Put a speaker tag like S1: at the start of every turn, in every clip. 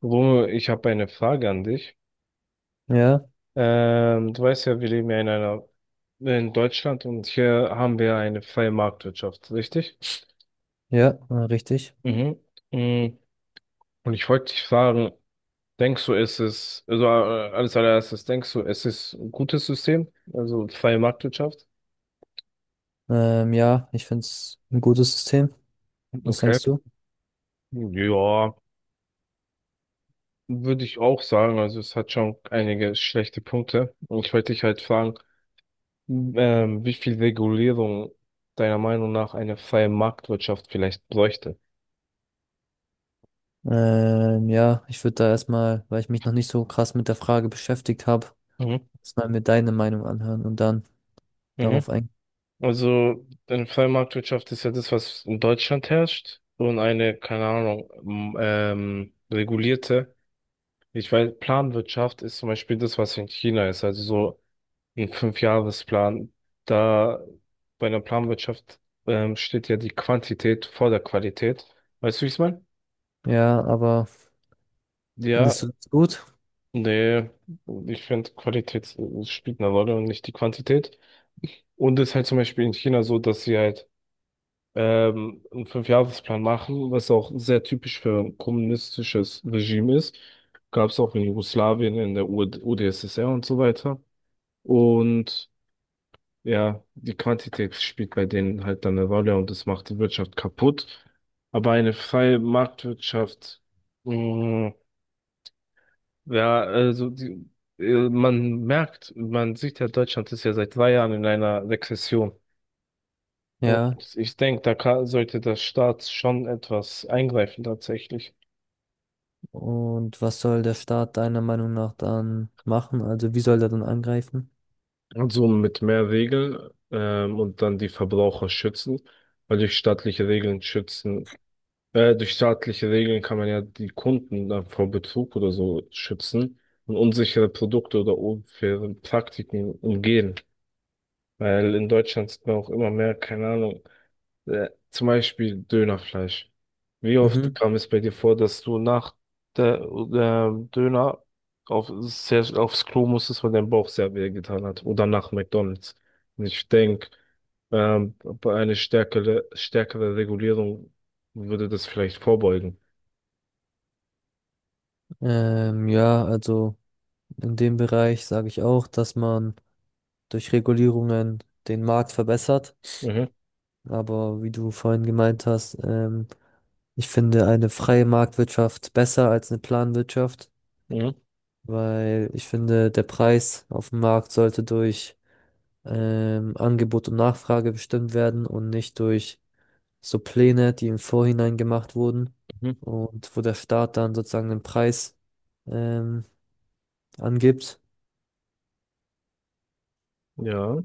S1: Romeo, ich habe eine Frage an dich.
S2: Ja,
S1: Du weißt ja, wir leben ja in einer, in Deutschland und hier haben wir eine freie Marktwirtschaft, richtig?
S2: ja, richtig.
S1: Mhm. Mm, Und ich wollte dich fragen, denkst du, ist es, also als allererstes, denkst du, es ist ein gutes System, also freie Marktwirtschaft?
S2: Ja, ich finde es ein gutes System. Was
S1: Okay.
S2: denkst du?
S1: Ja, würde ich auch sagen, also es hat schon einige schlechte Punkte. Und ich wollte dich halt fragen, wie viel Regulierung deiner Meinung nach eine freie Marktwirtschaft vielleicht bräuchte?
S2: Ja, ich würde da erstmal, weil ich mich noch nicht so krass mit der Frage beschäftigt habe,
S1: Mhm.
S2: erstmal mir deine Meinung anhören und dann
S1: Mhm.
S2: darauf eingehen.
S1: Also eine freie Marktwirtschaft ist ja das, was in Deutschland herrscht, und eine, keine Ahnung, regulierte, ich weiß, Planwirtschaft ist zum Beispiel das, was in China ist, also so ein Fünfjahresplan. Da bei einer Planwirtschaft steht ja die Quantität vor der Qualität. Weißt du, wie ich es meine?
S2: Ja, aber
S1: Ja,
S2: findest du es gut?
S1: nee, ich finde, Qualität spielt eine Rolle und nicht die Quantität. Und es ist halt zum Beispiel in China so, dass sie halt einen Fünfjahresplan machen, was auch sehr typisch für ein kommunistisches Regime ist. Gab es auch in Jugoslawien, in der UD UdSSR und so weiter. Und ja, die Quantität spielt bei denen halt dann eine Rolle, und das macht die Wirtschaft kaputt. Aber eine freie Marktwirtschaft, mh, ja, also die, man merkt, man sieht ja, Deutschland ist ja seit 2 Jahren in einer Rezession.
S2: Ja,
S1: Und ich denke, da kann, sollte der Staat schon etwas eingreifen tatsächlich.
S2: und was soll der Staat deiner Meinung nach dann machen? Also wie soll er dann angreifen?
S1: Und so mit mehr Regeln und dann die Verbraucher schützen, weil durch staatliche Regeln schützen, durch staatliche Regeln kann man ja die Kunden dann vor Betrug oder so schützen und unsichere Produkte oder unfaire Praktiken umgehen. Weil in Deutschland sieht man auch immer mehr, keine Ahnung, zum Beispiel Dönerfleisch. Wie oft
S2: Mhm.
S1: kam es bei dir vor, dass du nach der Döner aufs Klo musstest, weil dein Bauch sehr weh getan hat? Oder nach McDonald's? Und ich denke, bei einer stärkere Regulierung würde das vielleicht vorbeugen.
S2: Ja, also in dem Bereich sage ich auch, dass man durch Regulierungen den Markt verbessert.
S1: Mhm,
S2: Aber wie du vorhin gemeint hast, ich finde eine freie Marktwirtschaft besser als eine Planwirtschaft,
S1: mhm,
S2: weil ich finde, der Preis auf dem Markt sollte durch Angebot und Nachfrage bestimmt werden und nicht durch so Pläne, die im Vorhinein gemacht wurden
S1: mhm.
S2: und wo der Staat dann sozusagen den Preis ähm, angibt.
S1: Ja,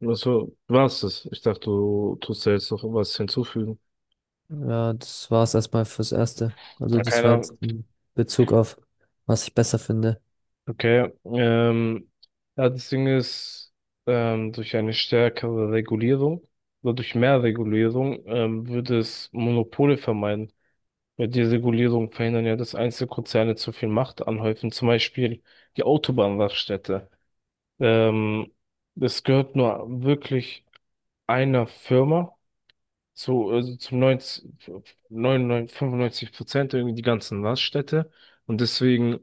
S1: also war's das. Ich dachte, du tust da jetzt noch was hinzufügen.
S2: Ja, das war es erstmal fürs Erste. Also
S1: Ja,
S2: das war
S1: keiner.
S2: jetzt in Bezug auf, was ich besser finde.
S1: Okay, ja, das Ding ist, durch eine stärkere Regulierung oder durch mehr Regulierung würde es Monopole vermeiden. Weil die Regulierung verhindern ja, dass Einzelkonzerne zu viel Macht anhäufen, zum Beispiel die Autobahnraststätte. Ähm, Es gehört nur wirklich einer Firma zu, also zum 95% irgendwie die ganzen Raststätte. Und deswegen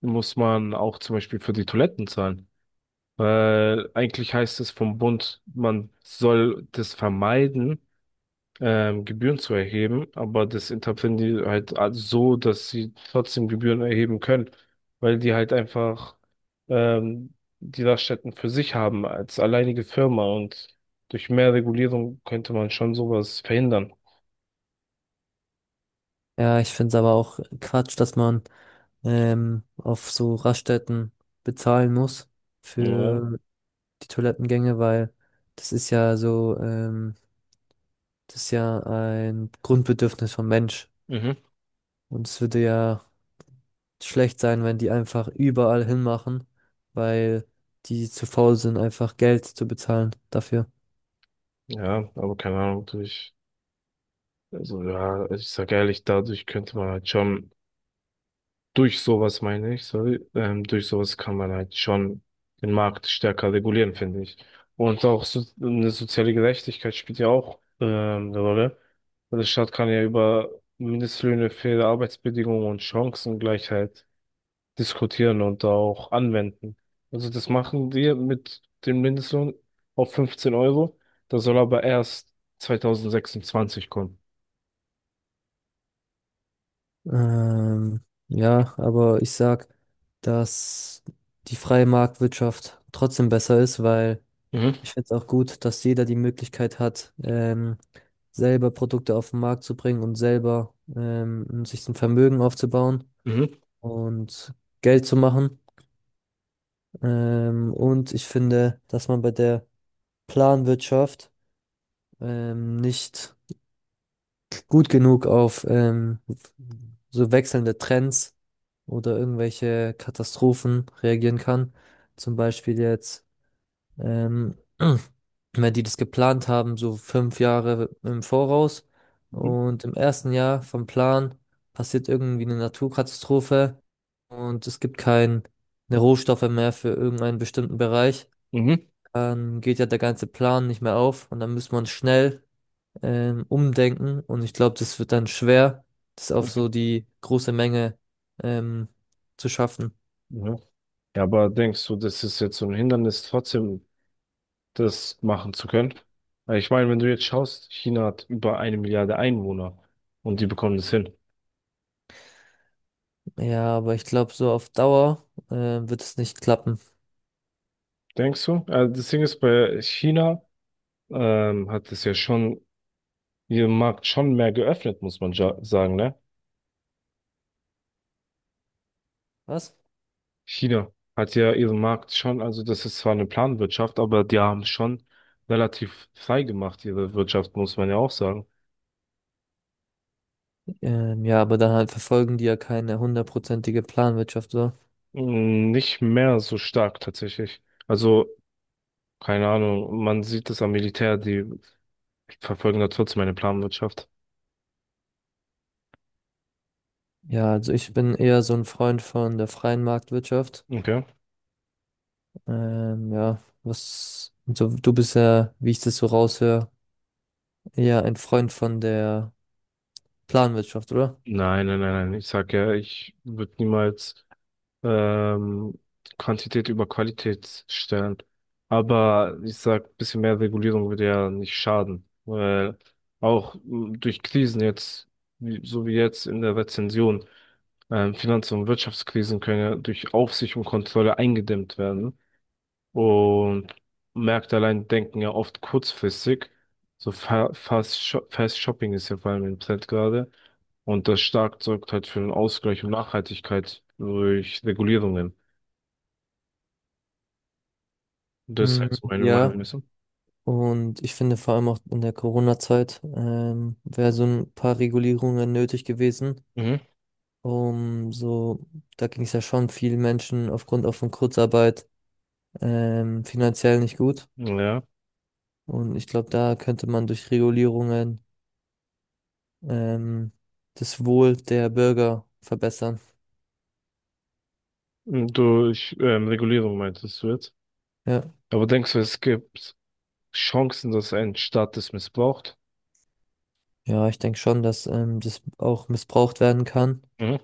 S1: muss man auch zum Beispiel für die Toiletten zahlen. Weil eigentlich heißt es vom Bund, man soll das vermeiden, Gebühren zu erheben, aber das interpretieren die halt als so, dass sie trotzdem Gebühren erheben können, weil die halt einfach ähm, die Raststätten für sich haben als alleinige Firma, und durch mehr Regulierung könnte man schon sowas verhindern.
S2: Ja, ich finde es aber auch Quatsch, dass man auf so Raststätten bezahlen muss
S1: Ja,
S2: für die Toilettengänge, weil das ist ja so, das ist ja ein Grundbedürfnis vom Mensch.
S1: mhm.
S2: Und es würde ja schlecht sein, wenn die einfach überall hinmachen, weil die zu faul sind, einfach Geld zu bezahlen dafür.
S1: Ja, aber keine Ahnung, durch, also ja, ich sag ehrlich, dadurch könnte man halt schon. Durch sowas meine ich, sorry, durch sowas kann man halt schon den Markt stärker regulieren, finde ich. Und auch so, eine soziale Gerechtigkeit spielt ja auch eine Rolle. Weil der Staat kann ja über Mindestlöhne, faire Arbeitsbedingungen und Chancengleichheit diskutieren und auch anwenden. Also das machen wir mit dem Mindestlohn auf 15 Euro. Das soll aber erst 2026 kommen.
S2: Ähm, ja, aber ich sag, dass die freie Marktwirtschaft trotzdem besser ist, weil
S1: Mhm.
S2: ich finde es auch gut, dass jeder die Möglichkeit hat, selber Produkte auf den Markt zu bringen und selber sich ein Vermögen aufzubauen
S1: Mhm.
S2: und Geld zu machen. Und ich finde, dass man bei der Planwirtschaft nicht gut genug auf so wechselnde Trends oder irgendwelche Katastrophen reagieren kann. Zum Beispiel jetzt. Ähm, weil die das geplant haben, so 5 Jahre im Voraus.
S1: Mhm.
S2: Und im ersten Jahr vom Plan passiert irgendwie eine Naturkatastrophe und es gibt keine Rohstoffe mehr für irgendeinen bestimmten Bereich.
S1: Mhm.
S2: Dann geht ja der ganze Plan nicht mehr auf und dann muss man schnell umdenken. Und ich glaube, das wird dann schwer, das auf so die große Menge ähm, zu schaffen.
S1: Mhm. Ja, aber denkst du, das ist jetzt so ein Hindernis, trotzdem das machen zu können? Weil ich meine, wenn du jetzt schaust, China hat über eine Milliarde Einwohner, und die bekommen das hin.
S2: Ja, aber ich glaube, so auf Dauer wird es nicht klappen.
S1: Denkst du? Also das Ding ist, bei China hat es ja schon ihren Markt schon mehr geöffnet, muss man ja sagen, ne?
S2: Was?
S1: China hat ja ihren Markt schon, also das ist zwar eine Planwirtschaft, aber die haben schon relativ frei gemacht, ihre Wirtschaft, muss man ja auch sagen.
S2: Ja, aber dann halt verfolgen die ja keine hundertprozentige Planwirtschaft so.
S1: Nicht mehr so stark tatsächlich. Also, keine Ahnung, man sieht es am Militär, die verfolgen da trotzdem eine Planwirtschaft.
S2: Ja, also ich bin eher so ein Freund von der freien Marktwirtschaft.
S1: Okay.
S2: Ja, was, so, du bist ja, wie ich das so raushöre, eher ein Freund von der Planwirtschaft, oder?
S1: Nein, nein, nein, nein. Ich sag ja, ich würde niemals ähm, Quantität über Qualität stellen. Aber ich sag, ein bisschen mehr Regulierung würde ja nicht schaden. Weil auch durch Krisen jetzt, wie, so wie jetzt in der Rezession, Finanz- und Wirtschaftskrisen können ja durch Aufsicht und Kontrolle eingedämmt werden. Und Märkte allein denken ja oft kurzfristig. So Fast, Fast Shopping ist ja vor allem im Trend gerade. Und das stark sorgt halt für einen Ausgleich und Nachhaltigkeit durch Regulierungen. Das ist
S2: Mm,
S1: halt so meine
S2: ja,
S1: Meinung, weißt du?
S2: und ich finde vor allem auch in der Corona-Zeit wäre so ein paar Regulierungen nötig gewesen,
S1: Mhm.
S2: um so, da ging es ja schon vielen Menschen aufgrund auch von Kurzarbeit finanziell nicht gut.
S1: Ja,
S2: Und ich glaube, da könnte man durch Regulierungen ähm, das Wohl der Bürger verbessern.
S1: und durch Regulierung meintest du jetzt.
S2: Ja,
S1: Aber denkst du, es gibt Chancen, dass ein Staat das missbraucht?
S2: ja, ich denke schon, dass das auch missbraucht werden kann.
S1: Mhm.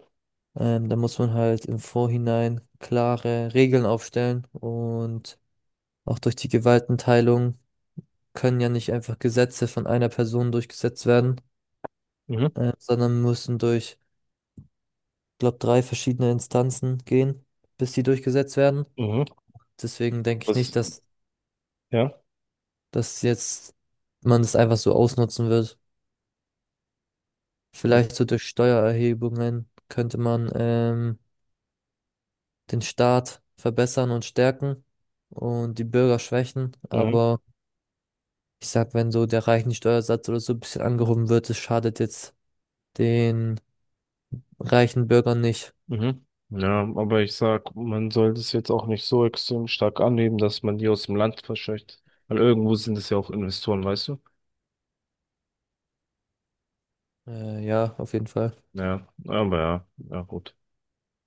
S2: Da muss man halt im Vorhinein klare Regeln aufstellen und auch durch die Gewaltenteilung können ja nicht einfach Gesetze von einer Person durchgesetzt werden,
S1: Mhm.
S2: sondern müssen durch, glaube, drei verschiedene Instanzen gehen, bis die durchgesetzt werden.
S1: Mhm.
S2: Deswegen denke ich nicht,
S1: Was?
S2: dass
S1: Ja.
S2: dass jetzt man das einfach so ausnutzen wird. Vielleicht so durch Steuererhebungen könnte man den Staat verbessern und stärken und die Bürger schwächen.
S1: Mhm.
S2: Aber ich sag, wenn so der reichen Steuersatz oder so ein bisschen angehoben wird, das schadet jetzt den reichen Bürgern nicht.
S1: Mhm. Ja, aber ich sag, man sollte es jetzt auch nicht so extrem stark annehmen, dass man die aus dem Land verscheucht. Weil irgendwo sind es ja auch Investoren, weißt du?
S2: Ja, auf jeden Fall.
S1: Ja, aber ja, ja gut.